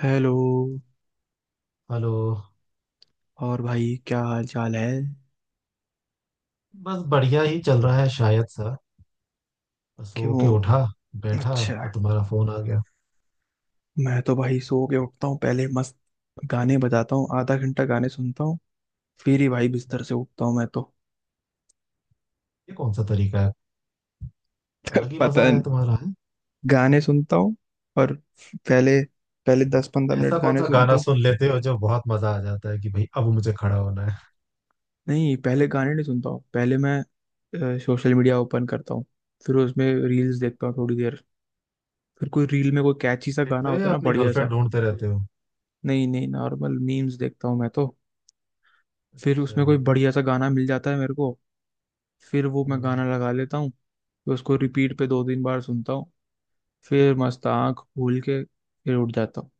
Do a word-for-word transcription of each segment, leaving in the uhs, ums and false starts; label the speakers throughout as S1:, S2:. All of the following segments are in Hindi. S1: हेलो।
S2: हेलो।
S1: और भाई क्या हाल चाल है?
S2: बस बढ़िया ही चल रहा है शायद। सा सो के
S1: क्यों?
S2: उठा बैठा
S1: अच्छा।
S2: और तुम्हारा फोन आ गया।
S1: मैं तो भाई सो के उठता हूँ पहले। मस्त गाने बजाता हूँ, आधा घंटा गाने सुनता हूँ। फिर ही भाई बिस्तर से उठता हूँ मैं तो।
S2: ये कौन सा तरीका है? अलग ही मजा
S1: पता
S2: है
S1: नहीं।
S2: तुम्हारा है।
S1: गाने सुनता हूँ। और पहले पहले दस पंद्रह मिनट
S2: ऐसा कौन
S1: गाने
S2: सा
S1: सुनता
S2: गाना
S1: हूँ।
S2: सुन लेते हो जो बहुत मजा आ जाता है कि भाई अब मुझे खड़ा होना है?
S1: नहीं, पहले गाने नहीं सुनता हूँ। पहले मैं अ, सोशल मीडिया ओपन करता हूँ। फिर उसमें रील्स देखता हूँ थोड़ी देर। फिर कोई रील में कोई कैची सा गाना
S2: देखते हो
S1: होता है
S2: या
S1: ना,
S2: अपनी
S1: बढ़िया सा।
S2: गर्लफ्रेंड ढूंढते रहते हो?
S1: नहीं नहीं, नॉर्मल मीम्स देखता हूँ मैं तो। फिर
S2: अच्छा।
S1: उसमें कोई बढ़िया सा गाना मिल जाता है मेरे को, फिर वो मैं
S2: हम्म।
S1: गाना लगा लेता हूँ, फिर उसको रिपीट पे दो तीन बार सुनता हूँ। फिर मस्त आँख खोल के फिर उठ जाता हूँ।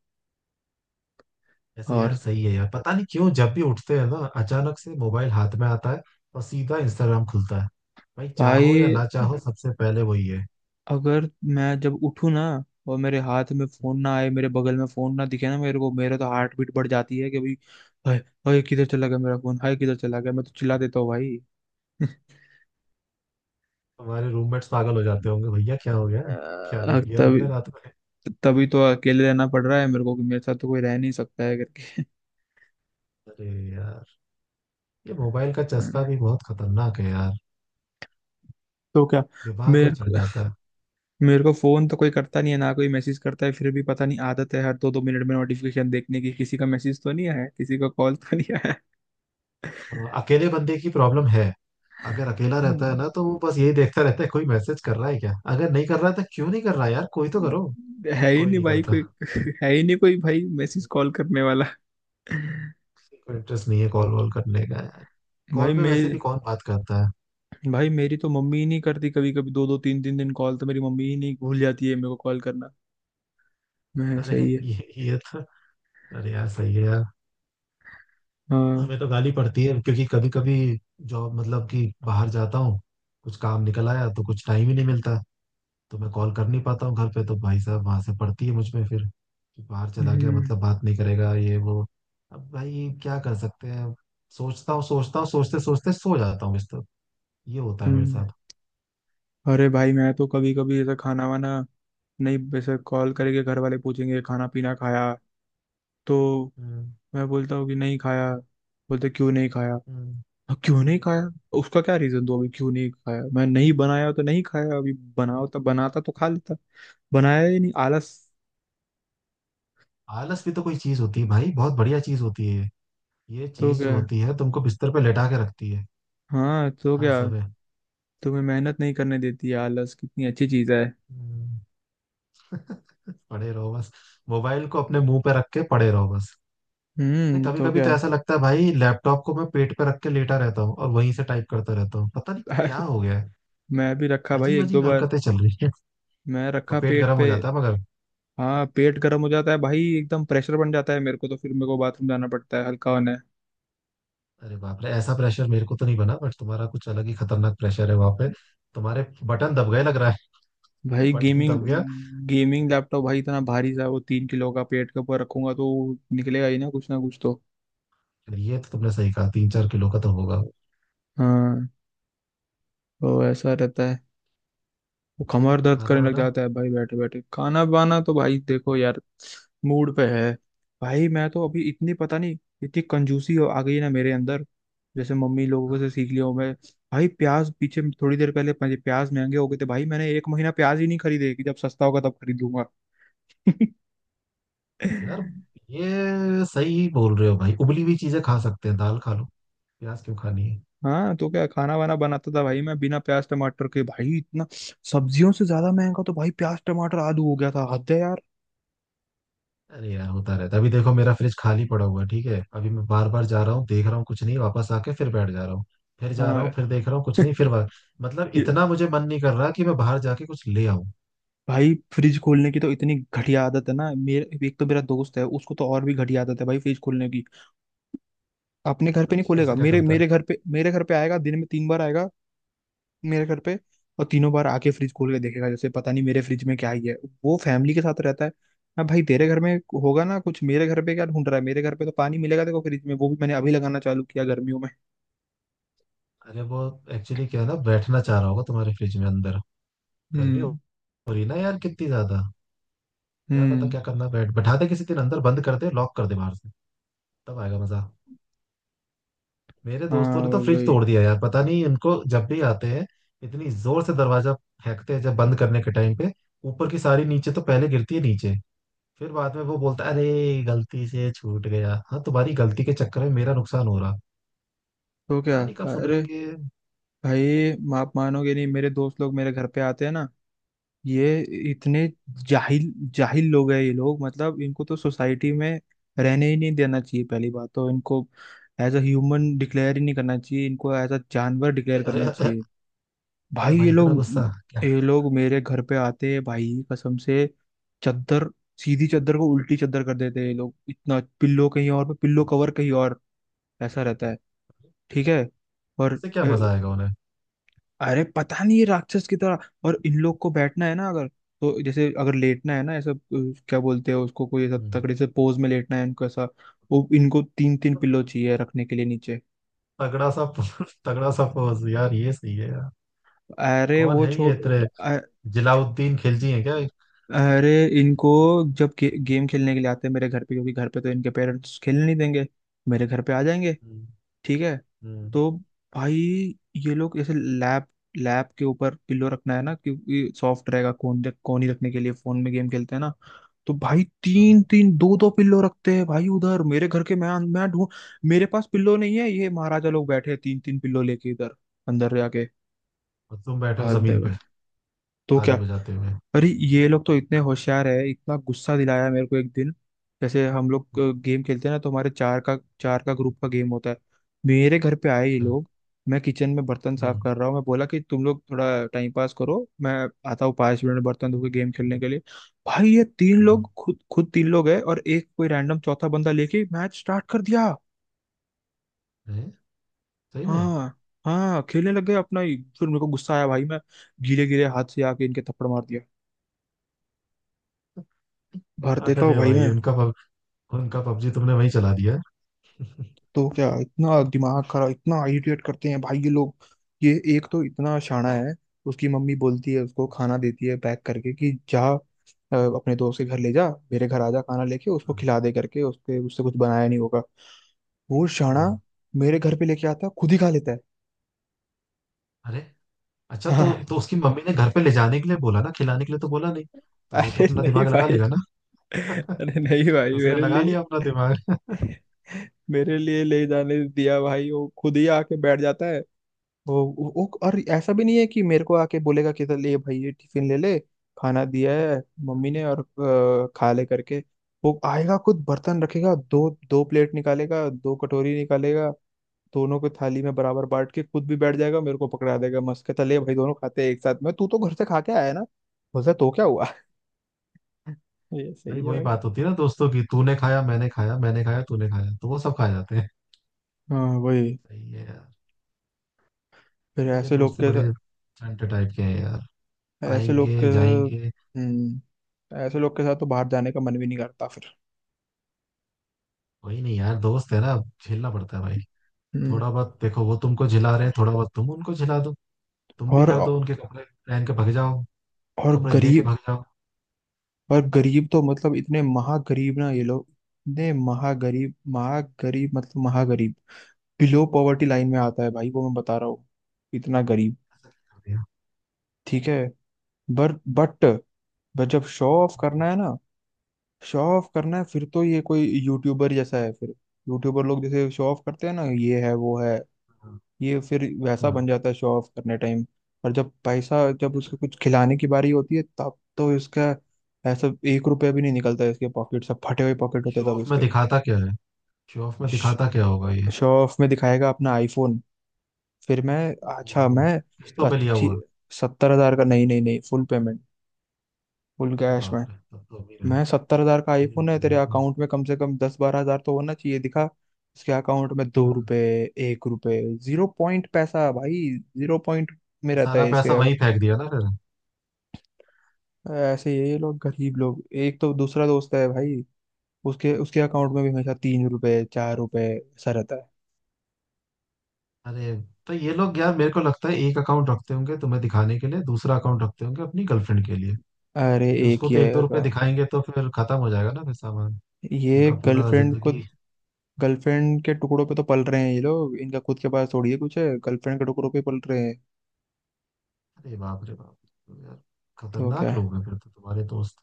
S2: ऐसे यार
S1: और
S2: सही है यार, पता नहीं क्यों जब भी उठते हैं ना अचानक से मोबाइल हाथ में आता है, और सीधा इंस्टाग्राम खुलता है। भाई चाहो या
S1: भाई,
S2: ना चाहो सबसे पहले वही है।
S1: अगर मैं जब उठूँ ना, और मेरे हाथ में फोन ना आए, मेरे बगल में फोन ना दिखे ना मेरे को, मेरा तो हार्ट बीट बढ़ जाती है कि भाई हाय, हाय किधर चला गया मेरा फोन, हाय किधर चला गया, मैं तो चिल्ला देता हूँ भाई।
S2: तुम्हारे रूममेट्स पागल हो जाते होंगे, भैया क्या हो गया, क्या
S1: अ,
S2: देख लिया
S1: तभी
S2: तुमने रात?
S1: तभी तो अकेले रहना पड़ रहा है मेरे को, कि मेरे साथ तो कोई रह नहीं सकता है करके।
S2: अरे यार, ये मोबाइल का चस्का भी बहुत खतरनाक है यार,
S1: तो क्या।
S2: दिमाग में
S1: मेरे
S2: चढ़
S1: को-
S2: जाता है।
S1: मेरे को फोन तो कोई करता नहीं है, ना कोई मैसेज करता है। फिर भी पता नहीं, आदत है हर दो दो मिनट में नोटिफिकेशन देखने की, किसी का मैसेज तो नहीं आया है, किसी का कॉल तो नहीं आया है।
S2: अ, अकेले बंदे की प्रॉब्लम है। अगर अकेला रहता है
S1: हम्म।
S2: ना तो वो बस यही देखता रहता है, कोई मैसेज कर रहा है क्या, अगर नहीं कर रहा है तो क्यों नहीं कर रहा है यार, कोई तो करो।
S1: है ही
S2: कोई
S1: नहीं
S2: नहीं
S1: भाई
S2: करता।
S1: कोई। है ही नहीं कोई भाई मैसेज कॉल करने वाला।
S2: किसी को इंटरेस्ट नहीं है कॉल वॉल करने का यार।
S1: भाई
S2: कॉल पे वैसे
S1: मेरी
S2: भी कौन बात करता है?
S1: भाई मेरी तो मम्मी ही नहीं करती, कभी कभी दो दो तीन तीन दिन। कॉल तो मेरी मम्मी ही, नहीं भूल जाती है मेरे को कॉल करना। मैं
S2: अरे
S1: सही है।
S2: ये ये तो, अरे यार सही है यार।
S1: हाँ।
S2: हमें तो गाली पड़ती है क्योंकि कभी कभी जॉब मतलब कि बाहर जाता हूँ, कुछ काम निकल आया तो कुछ टाइम ही नहीं मिलता, तो मैं कॉल कर नहीं पाता हूँ घर पे, तो भाई साहब वहां से पड़ती है मुझ में फिर कि बाहर चला गया
S1: हम्म।
S2: मतलब बात नहीं करेगा ये वो। अब भाई क्या कर सकते हैं अब, सोचता हूँ सोचता हूँ सोचते सोचते सो जाता हूँ इस तरह। ये होता है मेरे
S1: हम्म।
S2: साथ।
S1: अरे भाई, मैं तो कभी कभी ऐसा खाना वाना, नहीं, वैसे कॉल करेंगे घर वाले, पूछेंगे खाना पीना खाया, तो
S2: हम्म।
S1: मैं बोलता हूँ कि नहीं खाया। बोलते क्यों नहीं खाया।
S2: हम्म।
S1: हाँ, क्यों नहीं खाया, उसका क्या रीजन दो, अभी क्यों नहीं खाया। मैं नहीं बनाया तो नहीं खाया, अभी बनाओ तो बनाता तो खा लेता। बनाया ही नहीं, आलस।
S2: आलस भी तो कोई चीज होती है भाई, बहुत बढ़िया चीज होती है। ये ये
S1: तो
S2: चीज
S1: क्या
S2: जो
S1: है?
S2: होती है तुमको बिस्तर पे लेटा के रखती है
S1: हाँ तो
S2: हर
S1: क्या।
S2: समय।
S1: तुम्हें मेहनत नहीं करने देती है आलस, कितनी अच्छी चीज है।
S2: हम्म। पड़े रहो बस। मोबाइल को अपने मुंह पे रख के पड़े रहो बस। अरे
S1: हम्म
S2: कभी
S1: तो
S2: कभी
S1: क्या।
S2: तो ऐसा लगता है भाई लैपटॉप को मैं पेट पे रख के लेटा रहता हूँ, और वहीं से टाइप करता रहता हूँ, पता नहीं क्या
S1: अरे
S2: हो गया है।
S1: मैं भी रखा भाई
S2: अजीब
S1: एक दो
S2: अजीब
S1: बार।
S2: हरकतें चल रही हैं।
S1: मैं
S2: और
S1: रखा
S2: पेट
S1: पेट
S2: गर्म
S1: पे।
S2: हो जाता है मगर।
S1: हाँ पेट गर्म हो जाता है भाई, एकदम प्रेशर बन जाता है मेरे को। तो फिर मेरे को बाथरूम जाना पड़ता है हल्का होने।
S2: अरे बाप रे, ऐसा प्रेशर मेरे को तो नहीं बना, बट तुम्हारा कुछ अलग ही खतरनाक प्रेशर है वहां पे। तुम्हारे बटन दब गए लग रहा है।
S1: भाई
S2: बटन
S1: गेमिंग
S2: दब गया।
S1: गेमिंग लैपटॉप भाई, इतना भारी सा वो, तीन किलो का, पेट के ऊपर रखूंगा तो वो निकलेगा ही ना कुछ ना कुछ तो।
S2: ये तो तुमने सही कहा, तीन चार किलो का तो होगा वो।
S1: हाँ, तो ऐसा रहता है। वो कमर दर्द
S2: खाना
S1: करने लग
S2: वाना।
S1: जाता है भाई बैठे बैठे। खाना बाना तो भाई देखो यार, मूड पे है। भाई मैं तो अभी इतनी पता नहीं, इतनी कंजूसी हो- आ गई है ना मेरे अंदर। जैसे मम्मी
S2: हाँ,
S1: लोगों से सीख लिया हूं मैं। भाई प्याज, पीछे थोड़ी देर पहले मुझे प्याज महंगे हो गए थे भाई, मैंने एक महीना प्याज ही नहीं खरीदे, कि जब सस्ता होगा तब खरीदूंगा।
S2: यार ये सही बोल रहे हो भाई, उबली हुई चीजें खा सकते हैं, दाल खा लो। प्याज क्यों खानी है?
S1: हाँ तो क्या खाना वाना बनाता था भाई मैं बिना प्याज टमाटर के। भाई इतना, सब्जियों से ज्यादा महंगा तो भाई प्याज टमाटर आलू हो गया था, हद है यार।
S2: अरे यार होता रहता है, अभी देखो मेरा फ्रिज खाली पड़ा हुआ है, ठीक है, अभी मैं बार बार जा रहा हूँ देख रहा हूँ कुछ नहीं, वापस आके फिर बैठ जा रहा हूँ। फिर जा रहा
S1: हाँ।
S2: हूँ फिर देख रहा हूँ कुछ नहीं फिर बाहर। मतलब
S1: ये,
S2: इतना मुझे मन नहीं कर रहा कि मैं बाहर जाके कुछ ले आऊँ।
S1: भाई फ्रिज खोलने की तो इतनी घटिया आदत है ना मेरे। एक तो मेरा दोस्त है, उसको तो और भी घटिया आदत है भाई फ्रिज खोलने की। अपने घर पे नहीं
S2: अच्छा
S1: खोलेगा,
S2: ऐसा क्या
S1: मेरे
S2: करता
S1: मेरे
S2: है?
S1: घर पे, मेरे घर पे आएगा, दिन में तीन बार आएगा। मेरे घर पे। और तीनों बार आके फ्रिज खोल के देखेगा, जैसे पता नहीं मेरे फ्रिज में क्या ही है। वो फैमिली के साथ रहता है। अब भाई तेरे घर में होगा ना कुछ, मेरे घर पे क्या ढूंढ रहा है? मेरे घर पे तो पानी मिलेगा, देखो फ्रिज में, वो भी मैंने अभी लगाना चालू किया गर्मियों में।
S2: अरे वो एक्चुअली क्या है ना, बैठना चाह रहा होगा तुम्हारे फ्रिज में अंदर। गर्मी हो
S1: हम्म।
S2: हो रही है ना यार कितनी ज्यादा। क्या पता
S1: हम्म।
S2: क्या करना, बैठ बैठा दे किसी दिन अंदर, बंद कर दे, लॉक कर दे बाहर से। तब आएगा मजा। मेरे दोस्तों
S1: हाँ
S2: ने तो फ्रिज
S1: वही।
S2: तोड़ दिया यार, पता नहीं इनको, जब भी आते हैं इतनी जोर से दरवाजा फेंकते हैं जब बंद करने के टाइम पे। ऊपर की सारी नीचे तो पहले गिरती है नीचे, फिर बाद में वो बोलता है अरे गलती से छूट गया। हाँ, तुम्हारी गलती के चक्कर में मेरा नुकसान हो रहा,
S1: तो क्या।
S2: पता नहीं कब
S1: अरे
S2: सुधरेंगे।
S1: भाई, आप मानोगे नहीं, मेरे दोस्त लोग मेरे घर पे आते हैं ना, ये इतने जाहिल जाहिल लोग हैं ये लोग, मतलब इनको तो सोसाइटी में रहने ही नहीं देना चाहिए पहली बात तो। इनको एज अ ह्यूमन डिक्लेयर ही नहीं करना चाहिए, इनको एज अ जानवर डिक्लेयर
S2: अरे अरे
S1: करना
S2: अरे,
S1: चाहिए।
S2: अरे
S1: भाई ये
S2: भाई इतना
S1: लोग
S2: गुस्सा क्या?
S1: ये लोग मेरे घर पे आते हैं भाई कसम से। चद्दर, सीधी चद्दर को उल्टी चद्दर कर देते हैं ये लोग। इतना, पिल्लो कहीं और पे, पिल्लो कवर कहीं और। ऐसा रहता है। ठीक है। और
S2: इससे क्या
S1: अ,
S2: मजा आएगा उन्हें?
S1: अरे पता नहीं, ये राक्षस की तरह। और इन लोग को बैठना है ना अगर, तो जैसे अगर लेटना है ना, ऐसा अ, क्या बोलते हैं उसको, कोई ऐसा
S2: हम्म।
S1: तकड़े से पोज में लेटना है इनको। ऐसा वो इनको तीन तीन पिल्लो चाहिए रखने के लिए नीचे।
S2: तगड़ा सा पोज, तगड़ा सा पोज यार ये सही है यार।
S1: अरे
S2: कौन
S1: वो
S2: है ये
S1: छोड़।
S2: इतने,
S1: अ-
S2: जलाउद्दीन खिलजी है क्या?
S1: अरे, इनको जब गे, गेम खेलने के लिए आते हैं मेरे घर पे, क्योंकि घर पे तो इनके पेरेंट्स खेलने नहीं देंगे, मेरे घर पे आ जाएंगे।
S2: हम्म।
S1: ठीक है।
S2: हम्म।
S1: तो भाई ये लोग ऐसे, लैब लैब के ऊपर पिल्लो रखना है ना, क्योंकि सॉफ्ट रहेगा, कोन कोनी रखने के लिए, फोन में गेम खेलते हैं ना। तो भाई तीन
S2: हाँ।
S1: तीन दो दो पिल्लो रखते हैं भाई उधर। मेरे घर के, मैं मैं ढूंढ, मेरे पास पिल्लो नहीं है, ये महाराजा लोग बैठे हैं तीन तीन पिल्लो लेके इधर, अंदर जाके।
S2: और तुम बैठे हो
S1: हद है
S2: जमीन पे
S1: भाई, तो क्या।
S2: ताली बजाते हुए।
S1: अरे ये लोग तो इतने होशियार है, इतना गुस्सा दिलाया मेरे को एक दिन। जैसे हम लोग
S2: हम्म।
S1: गेम खेलते हैं ना, तो हमारे चार का चार का ग्रुप का गेम होता है। मेरे घर पे आए ये
S2: अच्छा।
S1: लोग, मैं किचन में बर्तन साफ
S2: हम्म।
S1: कर रहा हूँ, मैं बोला कि तुम लोग थोड़ा टाइम पास करो, मैं आता हूँ पाँच मिनट में बर्तन धो के गेम खेलने के लिए। भाई ये तीन
S2: हम्म।
S1: लोग, खुद खुद तीन लोग है, और एक कोई रैंडम चौथा बंदा लेके मैच स्टार्ट कर दिया।
S2: है सही में।
S1: हाँ। हाँ खेलने लग गए अपना ही। फिर मेरे को गुस्सा आया भाई, मैं गीले गीले हाथ से आके इनके थप्पड़ मार दिया, भर देता हूँ
S2: अरे
S1: भाई
S2: भाई
S1: मैं।
S2: उनका पब, उनका पबजी तुमने वहीं चला दिया है।
S1: तो क्या, इतना दिमाग खराब, इतना इरिटेट करते हैं भाई ये लोग। ये एक तो इतना शाना है, उसकी मम्मी बोलती है उसको, खाना देती है पैक करके, कि जा, अ, अपने दोस्त के घर ले जा, मेरे घर आ जा खाना लेके उसको
S2: हाँ।
S1: खिला दे करके। उसके, उससे कुछ बनाया नहीं होगा वो शाना,
S2: हाँ।
S1: मेरे घर पे लेके आता है खुद ही खा लेता है।
S2: अरे अच्छा,
S1: हाँ।
S2: तो तो उसकी मम्मी ने घर पे ले जाने के लिए बोला ना, खिलाने के लिए तो बोला नहीं, तो वो तो
S1: अरे
S2: अपना
S1: नहीं
S2: दिमाग लगा
S1: भाई
S2: लेगा ना।
S1: अरे नहीं भाई
S2: उसने
S1: मेरे
S2: लगा
S1: लिए
S2: लिया अपना दिमाग।
S1: मेरे लिए ले जाने दिया भाई, वो खुद ही आके बैठ जाता है। वो, वो वो- और ऐसा भी नहीं है कि मेरे को आके बोलेगा कि, तो ले भाई ये टिफिन ले ले, खाना दिया है मम्मी ने, और अ, खा ले करके। वो आएगा, खुद बर्तन रखेगा, दो दो प्लेट निकालेगा, दो कटोरी निकालेगा, दोनों को थाली में बराबर बांट के खुद भी बैठ जाएगा, मेरे को पकड़ा देगा मस्त, कहता ले भाई दोनों खाते हैं एक साथ में, तू तो घर से खा के आया है ना, बोलता तो क्या हुआ। ये
S2: भाई
S1: सही है
S2: वही
S1: भाई।
S2: बात होती है ना दोस्तों की, तूने खाया मैंने खाया, मैंने खाया तूने खाया, तो वो सब खा जाते हैं।
S1: हाँ वही।
S2: सही है यार।
S1: फिर
S2: मेरे
S1: ऐसे लोग
S2: दोस्त भी
S1: के
S2: बड़े
S1: साथ,
S2: चंटे टाइप के हैं यार,
S1: ऐसे लोग के,
S2: आएंगे जाएंगे।
S1: हम्म, ऐसे लोग के साथ तो बाहर जाने का मन भी नहीं करता फिर।
S2: वही नहीं यार, दोस्त है ना, झेलना पड़ता है भाई।
S1: हम्म।
S2: थोड़ा बहुत देखो वो तुमको झिला रहे हैं, थोड़ा बहुत तुम उनको झिला दो। तुम भी
S1: और
S2: कर दो, उनके कपड़े पहन के भाग जाओ,
S1: और
S2: कपड़े लेके
S1: गरीब,
S2: भाग जाओ।
S1: और गरीब तो मतलब इतने महागरीब ना ये लोग, इतने महागरीब, महागरीब मतलब महागरीब। बिलो पॉवर्टी लाइन में आता है भाई वो, मैं बता रहा हूँ, इतना गरीब। ठीक है। बर बट, बट जब शो ऑफ करना है ना, शो ऑफ करना है, फिर तो ये कोई यूट्यूबर जैसा है फिर। यूट्यूबर लोग जैसे शो ऑफ करते हैं ना, ये है वो है, ये फिर वैसा
S2: हाँ।
S1: बन जाता है शो ऑफ करने टाइम। और जब पैसा, जब उसको कुछ खिलाने की बारी होती है तब तो इसका, ऐसा एक रुपया भी नहीं निकलता है इसके पॉकेट से, फटे हुए पॉकेट होते
S2: शो
S1: हैं तब
S2: ऑफ में
S1: इसके।
S2: दिखाता क्या है? शो ऑफ में दिखाता क्या होगा ये?
S1: शो ऑफ में दिखाएगा अपना आईफोन। फिर मैं, अच्छा
S2: ओहो,
S1: मैं
S2: किस्तों पे लिया
S1: अच्छी,
S2: हुआ।
S1: सत्तर हजार का, नहीं नहीं नहीं, फुल पेमेंट, फुल
S2: अरे
S1: कैश में।
S2: बाप रे, तब तो अमीर है।
S1: मैं, सत्तर हजार का
S2: अमीर हो
S1: आईफोन है
S2: गया
S1: तेरे,
S2: होगा।
S1: अकाउंट में कम से कम दस बारह हजार तो होना चाहिए, दिखा। इसके अकाउंट में दो
S2: हाँ।
S1: रुपए एक रुपए, जीरो पॉइंट पैसा भाई। जीरो पॉइंट में
S2: तो
S1: रहता
S2: सारा
S1: है इसके।
S2: पैसा वहीं फेंक दिया ना फिर।
S1: ऐसे ही है ये लोग, गरीब लोग। एक तो, दूसरा दोस्त है भाई, उसके उसके अकाउंट
S2: हम्म।
S1: में भी हमेशा तीन रुपए चार रुपए, ऐसा रहता है।
S2: अरे तो ये लोग यार मेरे को लगता है एक अकाउंट रखते होंगे तुम्हें दिखाने के लिए, दूसरा अकाउंट रखते होंगे अपनी गर्लफ्रेंड के लिए।
S1: अरे
S2: क्योंकि
S1: एक
S2: उसको
S1: ही
S2: तो
S1: है
S2: एक दो रुपए
S1: अकाउंट।
S2: दिखाएंगे तो फिर खत्म हो जाएगा ना फिर सामान,
S1: ये
S2: उनका पूरा
S1: गर्लफ्रेंड को,
S2: जिंदगी।
S1: गर्लफ्रेंड के टुकड़ों पे तो पल रहे हैं ये लोग, इनका खुद के पास थोड़ी है कुछ, है गर्लफ्रेंड के टुकड़ों पे पल रहे हैं।
S2: अरे बाप रे बाप। तो यार
S1: तो
S2: खतरनाक
S1: क्या।
S2: लोग हैं फिर तो तुम्हारे दोस्त।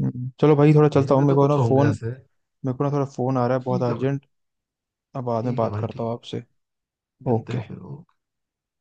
S1: हम्म, चलो भाई, थोड़ा चलता
S2: मेरे
S1: हूँ
S2: में
S1: मेरे
S2: तो
S1: को ना,
S2: कुछ होंगे
S1: फोन,
S2: ऐसे।
S1: मेरे को ना थोड़ा फोन आ रहा है बहुत
S2: ठीक है भाई।
S1: अर्जेंट। अब बाद में
S2: ठीक है
S1: बात
S2: भाई।
S1: करता हूँ
S2: ठीक
S1: आपसे।
S2: है, मिलते हैं
S1: ओके।
S2: फिर।